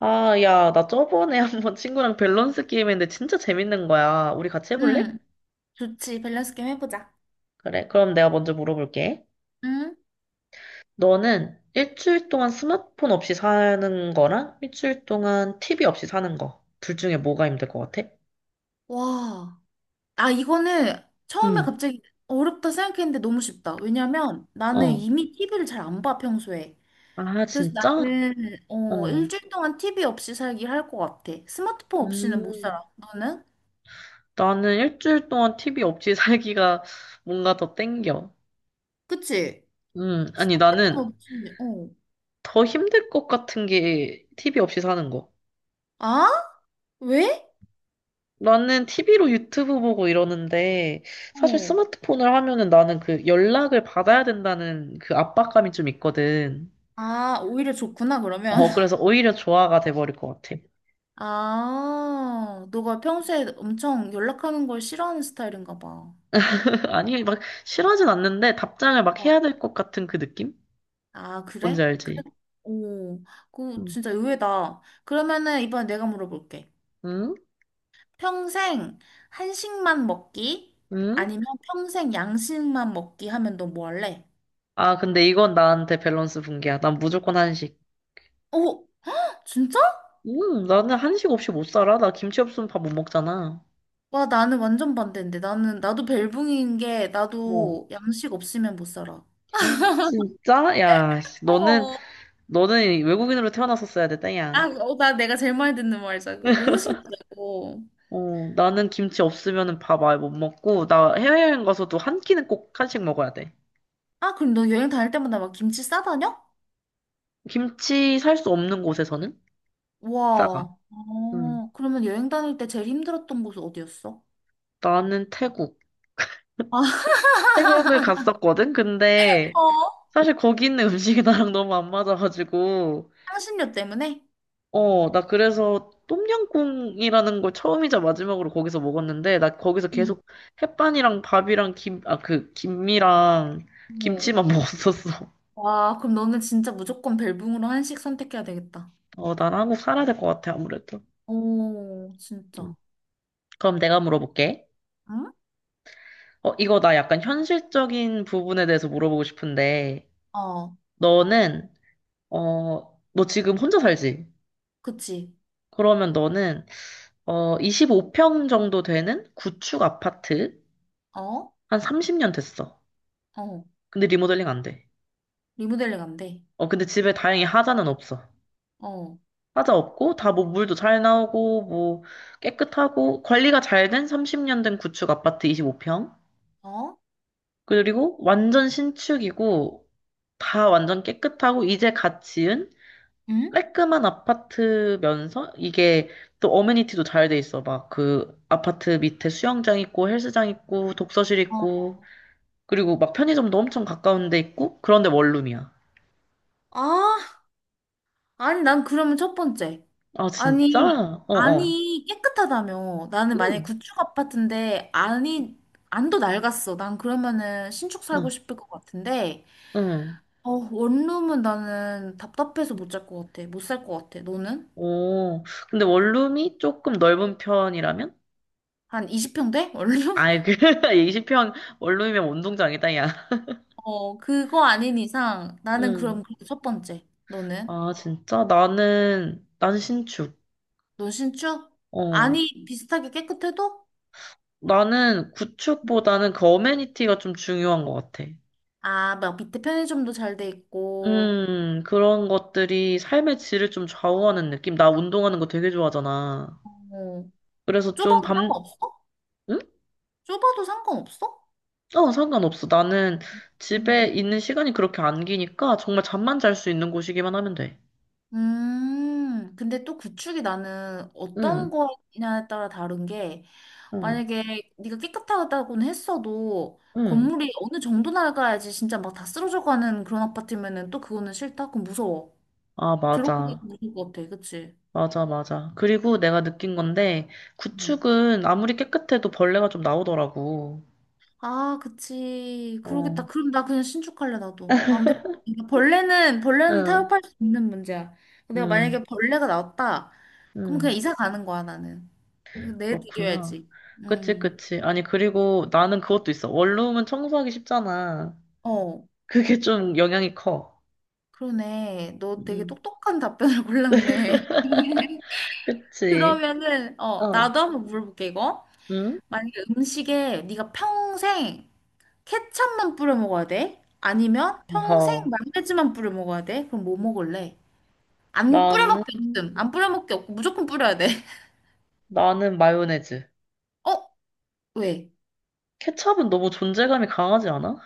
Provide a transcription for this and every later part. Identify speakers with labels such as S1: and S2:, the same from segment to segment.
S1: 아, 야, 나 저번에 한번 친구랑 밸런스 게임 했는데 진짜 재밌는 거야. 우리 같이 해볼래?
S2: 응, 좋지. 밸런스 게임 해보자.
S1: 그래, 그럼 내가 먼저 물어볼게.
S2: 응?
S1: 너는 일주일 동안 스마트폰 없이 사는 거랑 일주일 동안 TV 없이 사는 거. 둘 중에 뭐가 힘들 것 같아?
S2: 와. 아, 이거는 처음에
S1: 응.
S2: 갑자기 어렵다 생각했는데 너무 쉽다. 왜냐면 나는
S1: 어.
S2: 이미 TV를 잘 안 봐, 평소에.
S1: 아,
S2: 그래서
S1: 진짜?
S2: 나는
S1: 어.
S2: 어, 일주일 동안 TV 없이 살기 할 것 같아. 스마트폰 없이는 못 살아.
S1: 음.
S2: 너는?
S1: 나는 일주일 동안 TV 없이 살기가 뭔가 더 땡겨.
S2: 그치?
S1: 음. 아니, 나는
S2: 스마트폰 없이. 어.
S1: 더 힘들 것 같은 게 TV 없이 사는 거.
S2: 아? 왜?
S1: 나는 TV로 유튜브 보고 이러는데, 사실
S2: 어.
S1: 스마트폰을 하면은 나는 그 연락을 받아야 된다는 그 압박감이 좀 있거든.
S2: 아, 오히려 좋구나, 그러면.
S1: 어, 그래서 오히려 조화가 돼버릴 것 같아.
S2: 아, 너가 평소에 엄청 연락하는 걸 싫어하는 스타일인가 봐.
S1: 아니, 막 싫어하진 않는데 답장을 막
S2: 아.
S1: 해야 될 것 같은 그 느낌?
S2: 아,
S1: 뭔지
S2: 그래? 그래?
S1: 알지?
S2: 오, 그
S1: 응?
S2: 진짜 의외다. 그러면은 이번에 내가 물어볼게.
S1: 응?
S2: 평생 한식만 먹기?
S1: 응?
S2: 아니면 평생 양식만 먹기 하면 너 뭐 할래?
S1: 아, 근데 이건 나한테 밸런스 붕괴야. 난 무조건 한식.
S2: 오, 진짜?
S1: 나는 한식 없이 못 살아. 나 김치 없으면 밥 못 먹잖아.
S2: 와, 나는 완전 반대인데. 나도 벨붕인 게,
S1: 어.
S2: 나도 양식 없으면 못 살아.
S1: 헉, 진짜? 야, 씨, 너는,
S2: 어.
S1: 너는 외국인으로 태어났었어야 땡이
S2: 아,
S1: 야.
S2: 어, 나 내가 제일 많이 듣는 말이야, 이거. 너무 신기하고.
S1: 어, 나는 김치 없으면 밥 아예 못 먹고, 나 해외여행 가서도 한 끼는 꼭 한식 먹어야 돼.
S2: 아, 그럼 너 여행 다닐 때마다 막 김치 싸다녀?
S1: 김치 살 수 없는 곳에서는 싸가.
S2: 와,
S1: 음,
S2: 어, 그러면 여행 다닐 때 제일 힘들었던 곳은 어디였어?
S1: 나는 태국.
S2: 아,
S1: 태국을 갔었거든? 근데
S2: 어?
S1: 사실 거기 있는 음식이 나랑 너무 안 맞아가지고,
S2: 향신료 때문에?
S1: 어, 나 그래서 똠양꿍이라는 걸 처음이자 마지막으로 거기서 먹었는데, 나 거기서
S2: 응.
S1: 계속 햇반이랑 밥이랑 김이랑
S2: 어.
S1: 김치만 먹었었어.
S2: 와, 그럼 너는 진짜 무조건 벨붕으로 한식 선택해야 되겠다.
S1: 어, 난 한국 살아야 될 것 같아, 아무래도.
S2: 오,
S1: 음.
S2: 진짜.
S1: 그럼 내가 물어볼게.
S2: 응?
S1: 어, 이거 나 약간 현실적인 부분에 대해서 물어보고 싶은데,
S2: 어,
S1: 너는, 너 지금 혼자 살지?
S2: 그치.
S1: 그러면 너는, 25평 정도 되는 구축 아파트,
S2: 어?
S1: 한 30년 됐어.
S2: 어.
S1: 근데 리모델링 안 돼.
S2: 리모델링 안 돼.
S1: 근데 집에 다행히 하자는 없어.
S2: 어.
S1: 하자 없고, 다 뭐 물도 잘 나오고, 뭐 깨끗하고, 관리가 잘 된 30년 된 구축 아파트 25평.
S2: 어?
S1: 그리고 완전 신축이고, 다 완전 깨끗하고, 이제 갓 지은
S2: 응?
S1: 깔끔한 아파트면서 이게 또 어메니티도 잘 돼 있어. 막 그 아파트 밑에 수영장 있고 헬스장 있고 독서실
S2: 어.
S1: 있고 그리고 막 편의점도 엄청 가까운 데 있고 그런데 원룸이야.
S2: 아, 아니, 난 그러면 첫 번째.
S1: 아
S2: 아니,
S1: 진짜? 어어.
S2: 안이 깨끗하다며. 나는 만약에
S1: 응
S2: 구축 아파트인데 안이 안도 낡았어. 난 그러면은 신축 살고
S1: 응.
S2: 싶을 것 같은데.
S1: 응.
S2: 어, 원룸은 나는 답답해서 못 살 것 같아. 못 살 것 같아. 너는?
S1: 오. 근데 원룸이 조금 넓은 편이라면?
S2: 한 20평 돼? 원룸?
S1: 아이 그 20평 원룸이면 운동장이다 야.
S2: 어, 그거 아닌 이상 나는 그럼
S1: 응.
S2: 그게 첫 번째. 너는?
S1: 아 진짜? 나는 난 신축.
S2: 넌 신축?
S1: 어.
S2: 안이 비슷하게 깨끗해도?
S1: 나는 구축보다는 그 어메니티가 좀 중요한 것 같아.
S2: 아, 막 밑에 편의점도 잘 돼 있고.
S1: 그런 것들이 삶의 질을 좀 좌우하는 느낌. 나 운동하는 거 되게 좋아하잖아.
S2: 어,
S1: 그래서 좀
S2: 좁아도
S1: 밤,
S2: 상관없어?
S1: 응?
S2: 좁아도 상관없어?
S1: 어, 상관없어. 나는 집에 있는 시간이 그렇게 안 기니까 정말 잠만 잘 수 있는 곳이기만 하면 돼.
S2: 근데 또 구축이 나는
S1: 응,
S2: 어떤 거냐에 따라 다른 게,
S1: 응,
S2: 만약에 네가 깨끗하다고는 했어도
S1: 응.
S2: 건물이 어느 정도 낡아야지 진짜 막 다 쓰러져 가는 그런 아파트면은 또 그거는 싫다? 그건 무서워.
S1: 아,
S2: 들어보기도
S1: 맞아.
S2: 무서울 것 같아, 그치?
S1: 맞아, 맞아. 그리고 내가 느낀 건데,
S2: 음.
S1: 구축은 아무리 깨끗해도 벌레가 좀 나오더라고.
S2: 아, 그치.
S1: 어,
S2: 그러겠다. 그럼 나 그냥 신축할래, 나도. 나 안 될 것 같아. 벌레는, 벌레는
S1: 응,
S2: 타협할 수 있는 문제야. 내가
S1: 응,
S2: 만약에 벌레가 나왔다, 그럼
S1: 응.
S2: 그냥 이사 가는 거야, 나는. 그
S1: 그렇구나.
S2: 내드려야지.
S1: 그치,
S2: 음.
S1: 그치. 아니, 그리고 나는 그것도 있어. 원룸은 청소하기 쉽잖아.
S2: 어,
S1: 그게 좀 영향이 커.
S2: 그러네. 너 되게
S1: 음,
S2: 똑똑한 답변을 골랐네.
S1: 그치.
S2: 그러면은 어,
S1: 어,
S2: 나도 한번 물어볼게 이거.
S1: 응?
S2: 만약에 음식에 네가 평생 케첩만 뿌려 먹어야 돼? 아니면 평생
S1: 어
S2: 마요네즈만 뿌려 먹어야 돼? 그럼 뭐 먹을래? 안 뿌려
S1: 나는,
S2: 먹기 없음. 안 뿌려 먹기 없고 무조건 뿌려야 돼.
S1: 나는 마요네즈.
S2: 어? 왜?
S1: 케첩은 너무 존재감이 강하지 않아?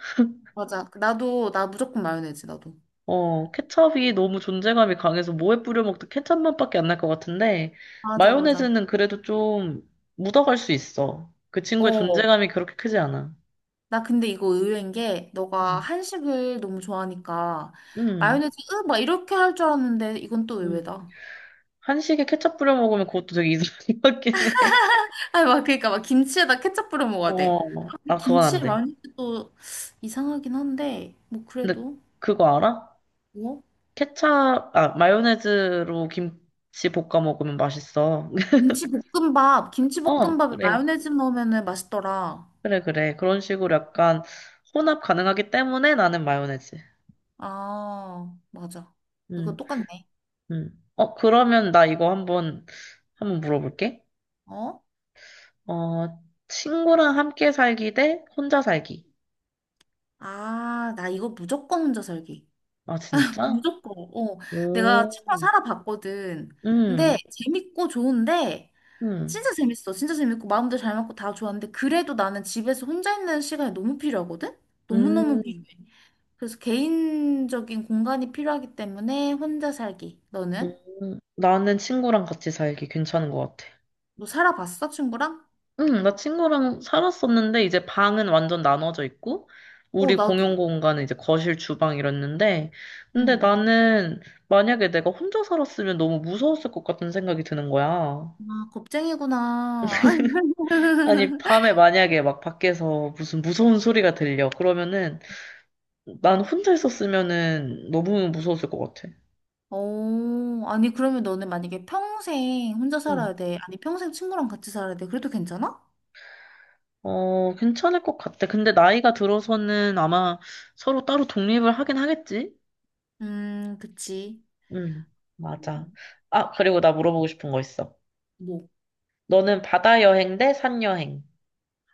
S2: 맞아. 나도 나 무조건 마요네즈 나도.
S1: 어, 케첩이 너무 존재감이 강해서 뭐에 뿌려 먹든 케첩 맛밖에 안 날 것 같은데,
S2: 맞아, 맞아.
S1: 마요네즈는 그래도 좀 묻어갈 수 있어. 그 친구의
S2: 어,
S1: 존재감이 그렇게 크지 않아.
S2: 나 근데 이거 의외인 게 너가
S1: 응,
S2: 한식을 너무 좋아하니까
S1: 응.
S2: 마요네즈 으, 막 이렇게 할 줄 알았는데 이건 또
S1: 응.
S2: 의외다.
S1: 한식에 케첩 뿌려 먹으면 그것도 되게 이상한 것 같긴 해.
S2: 아니 막 그러니까 막 김치에다 케첩 뿌려 먹어야 돼.
S1: 어,
S2: 근데
S1: 아, 그건 안
S2: 김치에
S1: 돼.
S2: 마요네즈도 이상하긴 한데 뭐
S1: 근데
S2: 그래도
S1: 그거 알아?
S2: 뭐
S1: 마요네즈로 김치 볶아 먹으면 맛있어.
S2: 김치 볶음밥 김치
S1: 어,
S2: 볶음밥에
S1: 그래.
S2: 마요네즈 넣으면은 맛있더라.
S1: 그래, 그래. 그런 식으로 약간 혼합 가능하기 때문에 나는 마요네즈.
S2: 아 맞아. 이거
S1: 음,
S2: 똑같네.
S1: 어, 그러면 나 이거 한번 물어볼게.
S2: 어?
S1: 어, 친구랑 함께 살기 대 혼자 살기.
S2: 아 나 이거 무조건 혼자 살기.
S1: 아, 진짜?
S2: 무조건. 어, 내가 책방
S1: 오,
S2: 살아봤거든. 근데
S1: 음,
S2: 재밌고 좋은데 진짜
S1: 음,
S2: 재밌어. 진짜 재밌고 마음도 잘 맞고 다 좋았는데 그래도 나는 집에서 혼자 있는 시간이 너무 필요하거든. 너무너무
S1: 음.
S2: 필요해. 그래서 개인적인 공간이 필요하기 때문에 혼자 살기. 너는?
S1: 나는 친구랑 같이 살기 괜찮은 것 같아.
S2: 너 살아봤어, 친구랑?
S1: 응, 나 친구랑 살았었는데, 이제 방은 완전 나눠져 있고,
S2: 어,
S1: 우리 공용
S2: 나도.
S1: 공간은 이제 거실, 주방 이랬는데, 근데
S2: 응.
S1: 나는 만약에 내가 혼자 살았으면 너무 무서웠을 것 같은 생각이 드는 거야.
S2: 아, 겁쟁이구나.
S1: 아니, 밤에 만약에 막 밖에서 무슨 무서운 소리가 들려. 그러면은, 난 혼자 있었으면은 너무 무서웠을 것 같아.
S2: 오, 아니, 그러면 너는 만약에 평생 혼자 살아야 돼. 아니, 평생 친구랑 같이 살아야 돼. 그래도 괜찮아?
S1: 어, 괜찮을 것 같아. 근데 나이가 들어서는 아마 서로 따로 독립을 하긴 하겠지?
S2: 그치.
S1: 응, 맞아.
S2: 음,
S1: 아, 그리고 나 물어보고 싶은 거 있어.
S2: 뭐,
S1: 너는 바다 여행 대 산 여행?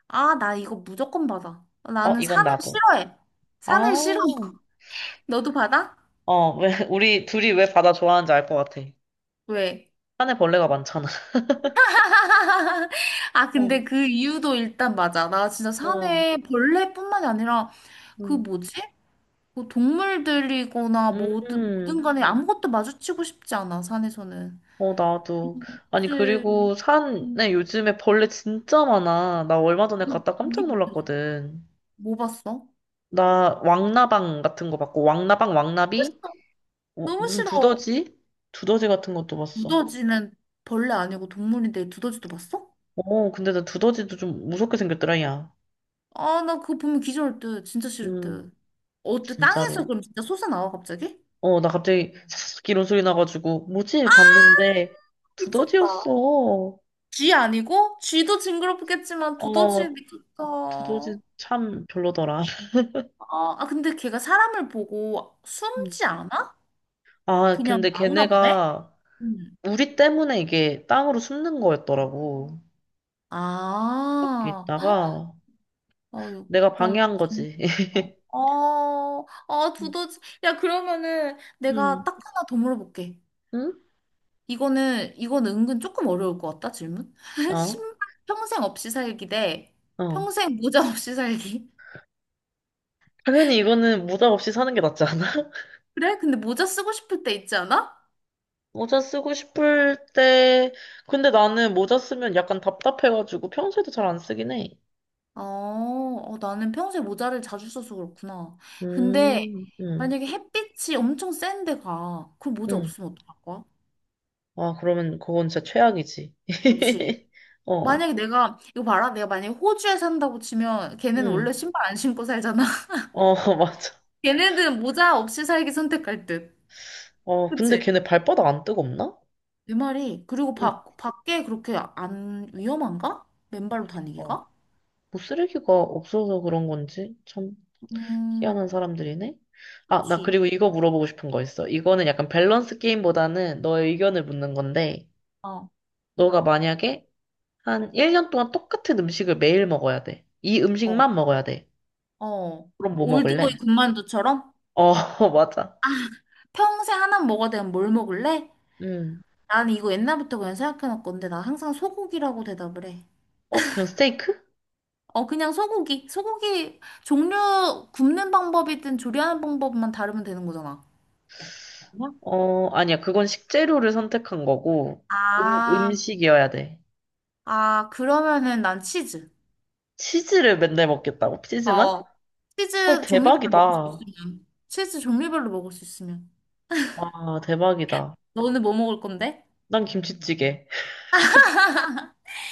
S2: 아, 나 이거 무조건 받아.
S1: 어,
S2: 나는
S1: 이건
S2: 산을
S1: 나도.
S2: 싫어해.
S1: 아,
S2: 산을 싫어. 너도 받아?
S1: 왜, 우리 둘이 왜 바다 좋아하는지 알 것 같아.
S2: 왜?
S1: 산에 벌레가 많잖아.
S2: 아,
S1: 어,
S2: 근데 그 이유도 일단 맞아. 나 진짜
S1: 어,
S2: 산에 벌레뿐만이 아니라 그
S1: 음,
S2: 뭐지? 그 동물들이거나 뭐든 뭐든
S1: 음,
S2: 간에 아무것도 마주치고 싶지 않아, 산에서는.
S1: 어, 나도. 아니,
S2: 그치.
S1: 그리고
S2: 음,
S1: 산에 요즘에 벌레 진짜 많아. 나 얼마 전에
S2: 음,
S1: 갔다
S2: 기
S1: 깜짝
S2: 밑에서.
S1: 놀랐거든.
S2: 뭐 봤어?
S1: 나 왕나방 같은 거 봤고, 왕나방,
S2: 너무
S1: 왕나비?
S2: 싫어.
S1: 어,
S2: 너무
S1: 무슨
S2: 싫어.
S1: 두더지? 두더지 같은 것도 봤어.
S2: 두더지는 벌레 아니고 동물인데 두더지도 봤어?
S1: 어, 근데 나 두더지도 좀 무섭게 생겼더라, 야.
S2: 아, 나 그거 보면 기절할 듯. 진짜 싫을
S1: 음,
S2: 듯. 어때? 땅에서
S1: 진짜로.
S2: 그럼 진짜 솟아나와, 갑자기?
S1: 어, 나 갑자기 삭삭 이런 소리 나가지고, 뭐지? 봤는데,
S2: 미쳤다.
S1: 두더지였어.
S2: 쥐 아니고? 쥐도 징그럽겠지만 두더지
S1: 어,
S2: 미쳤다. 아,
S1: 두더지 참 별로더라.
S2: 아, 근데 걔가 사람을 보고
S1: 음.
S2: 숨지 않아?
S1: 아,
S2: 그냥
S1: 근데
S2: 나오나 보네?
S1: 걔네가
S2: 응.
S1: 우리 때문에 이게 땅으로 숨는 거였더라고. 이렇게
S2: 아,
S1: 있다가,
S2: 아,
S1: 내가
S2: 진짜
S1: 방해한
S2: 징
S1: 거지.
S2: 그럽 어, 아, 두더지. 야, 그러면은 내가
S1: 음,
S2: 딱 하나 더 물어볼게.
S1: 응?
S2: 이거는, 이건 은근 조금 어려울 것 같다, 질문.
S1: 어?
S2: 신발 평생 없이 살기 대
S1: 어.
S2: 평생 모자 없이 살기.
S1: 당연히 이거는 모자 없이 사는 게 낫지 않아?
S2: 그래? 근데 모자 쓰고 싶을 때 있지 않아?
S1: 모자 쓰고 싶을 때, 근데 나는 모자 쓰면 약간 답답해가지고 평소에도 잘 안 쓰긴 해.
S2: 어, 어, 나는 평소에 모자를 자주 써서 그렇구나. 근데
S1: 음, 음,
S2: 만약에 햇빛이 엄청 센데 가. 그럼 모자
S1: 음.
S2: 없으면 어떡할 거야?
S1: 아, 그러면 그건 진짜 최악이지.
S2: 그치?
S1: 어,
S2: 만약에 내가, 이거 봐라. 내가 만약에 호주에 산다고 치면 걔네는 원래
S1: 음.
S2: 신발 안 신고 살잖아.
S1: 어, 맞아.
S2: 걔네들은 모자 없이 살기 선택할 듯.
S1: 어, 근데
S2: 그치?
S1: 걔네 발바닥 안 뜨겁나?
S2: 내 말이. 그리고
S1: 음,
S2: 밖 밖에 그렇게 안 위험한가? 맨발로
S1: 어.
S2: 다니기가?
S1: 뭐 쓰레기가 없어서 그런 건지 참 희한한
S2: 음,
S1: 사람들이네. 아, 나
S2: 그치.
S1: 그리고 이거 물어보고 싶은 거 있어. 이거는 약간 밸런스 게임보다는 너의 의견을 묻는 건데,
S2: 어,
S1: 너가 만약에 한 1년 동안 똑같은 음식을 매일 먹어야 돼. 이
S2: 어,
S1: 음식만 먹어야 돼.
S2: 어.
S1: 그럼 뭐
S2: 올드보이
S1: 먹을래? 응.
S2: 군만두처럼
S1: 어, 맞아.
S2: 평생 하나 먹어야 되면 뭘 먹을래?
S1: 음.
S2: 나는 이거 옛날부터 그냥 생각해놨건데 나 항상 소고기라고 대답을 해.
S1: 어, 그냥 스테이크?
S2: 어, 그냥 소고기. 소고기 종류 굽는 방법이든 조리하는 방법만 다르면 되는 거잖아. 뭐?
S1: 어, 아니야. 그건 식재료를 선택한 거고,
S2: 아,
S1: 음식이어야 돼.
S2: 아, 그러면은 난 치즈.
S1: 치즈를 맨날 먹겠다고? 치즈만?
S2: 어,
S1: 헐,
S2: 치즈 종류별로 먹을 수
S1: 대박이다.
S2: 있으면. 치즈 종류별로 먹을 수 있으면.
S1: 와, 대박이다.
S2: 너는 뭐 먹을 건데?
S1: 난 김치찌개.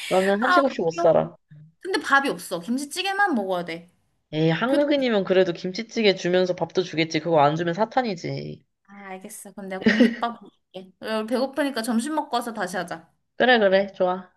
S1: 나는
S2: 아,
S1: 한식 없이 못
S2: 웃겨.
S1: 살아.
S2: 근데 밥이 없어. 김치찌개만 먹어야 돼.
S1: 에이,
S2: 교도.
S1: 한국인이면 그래도 김치찌개 주면서 밥도 주겠지. 그거 안 주면 사탄이지.
S2: 아, 알겠어. 그럼 내가 공깃밥 먹을게. 야, 우리 배고프니까 점심 먹고 와서 다시 하자.
S1: 그래, 그래. 좋아.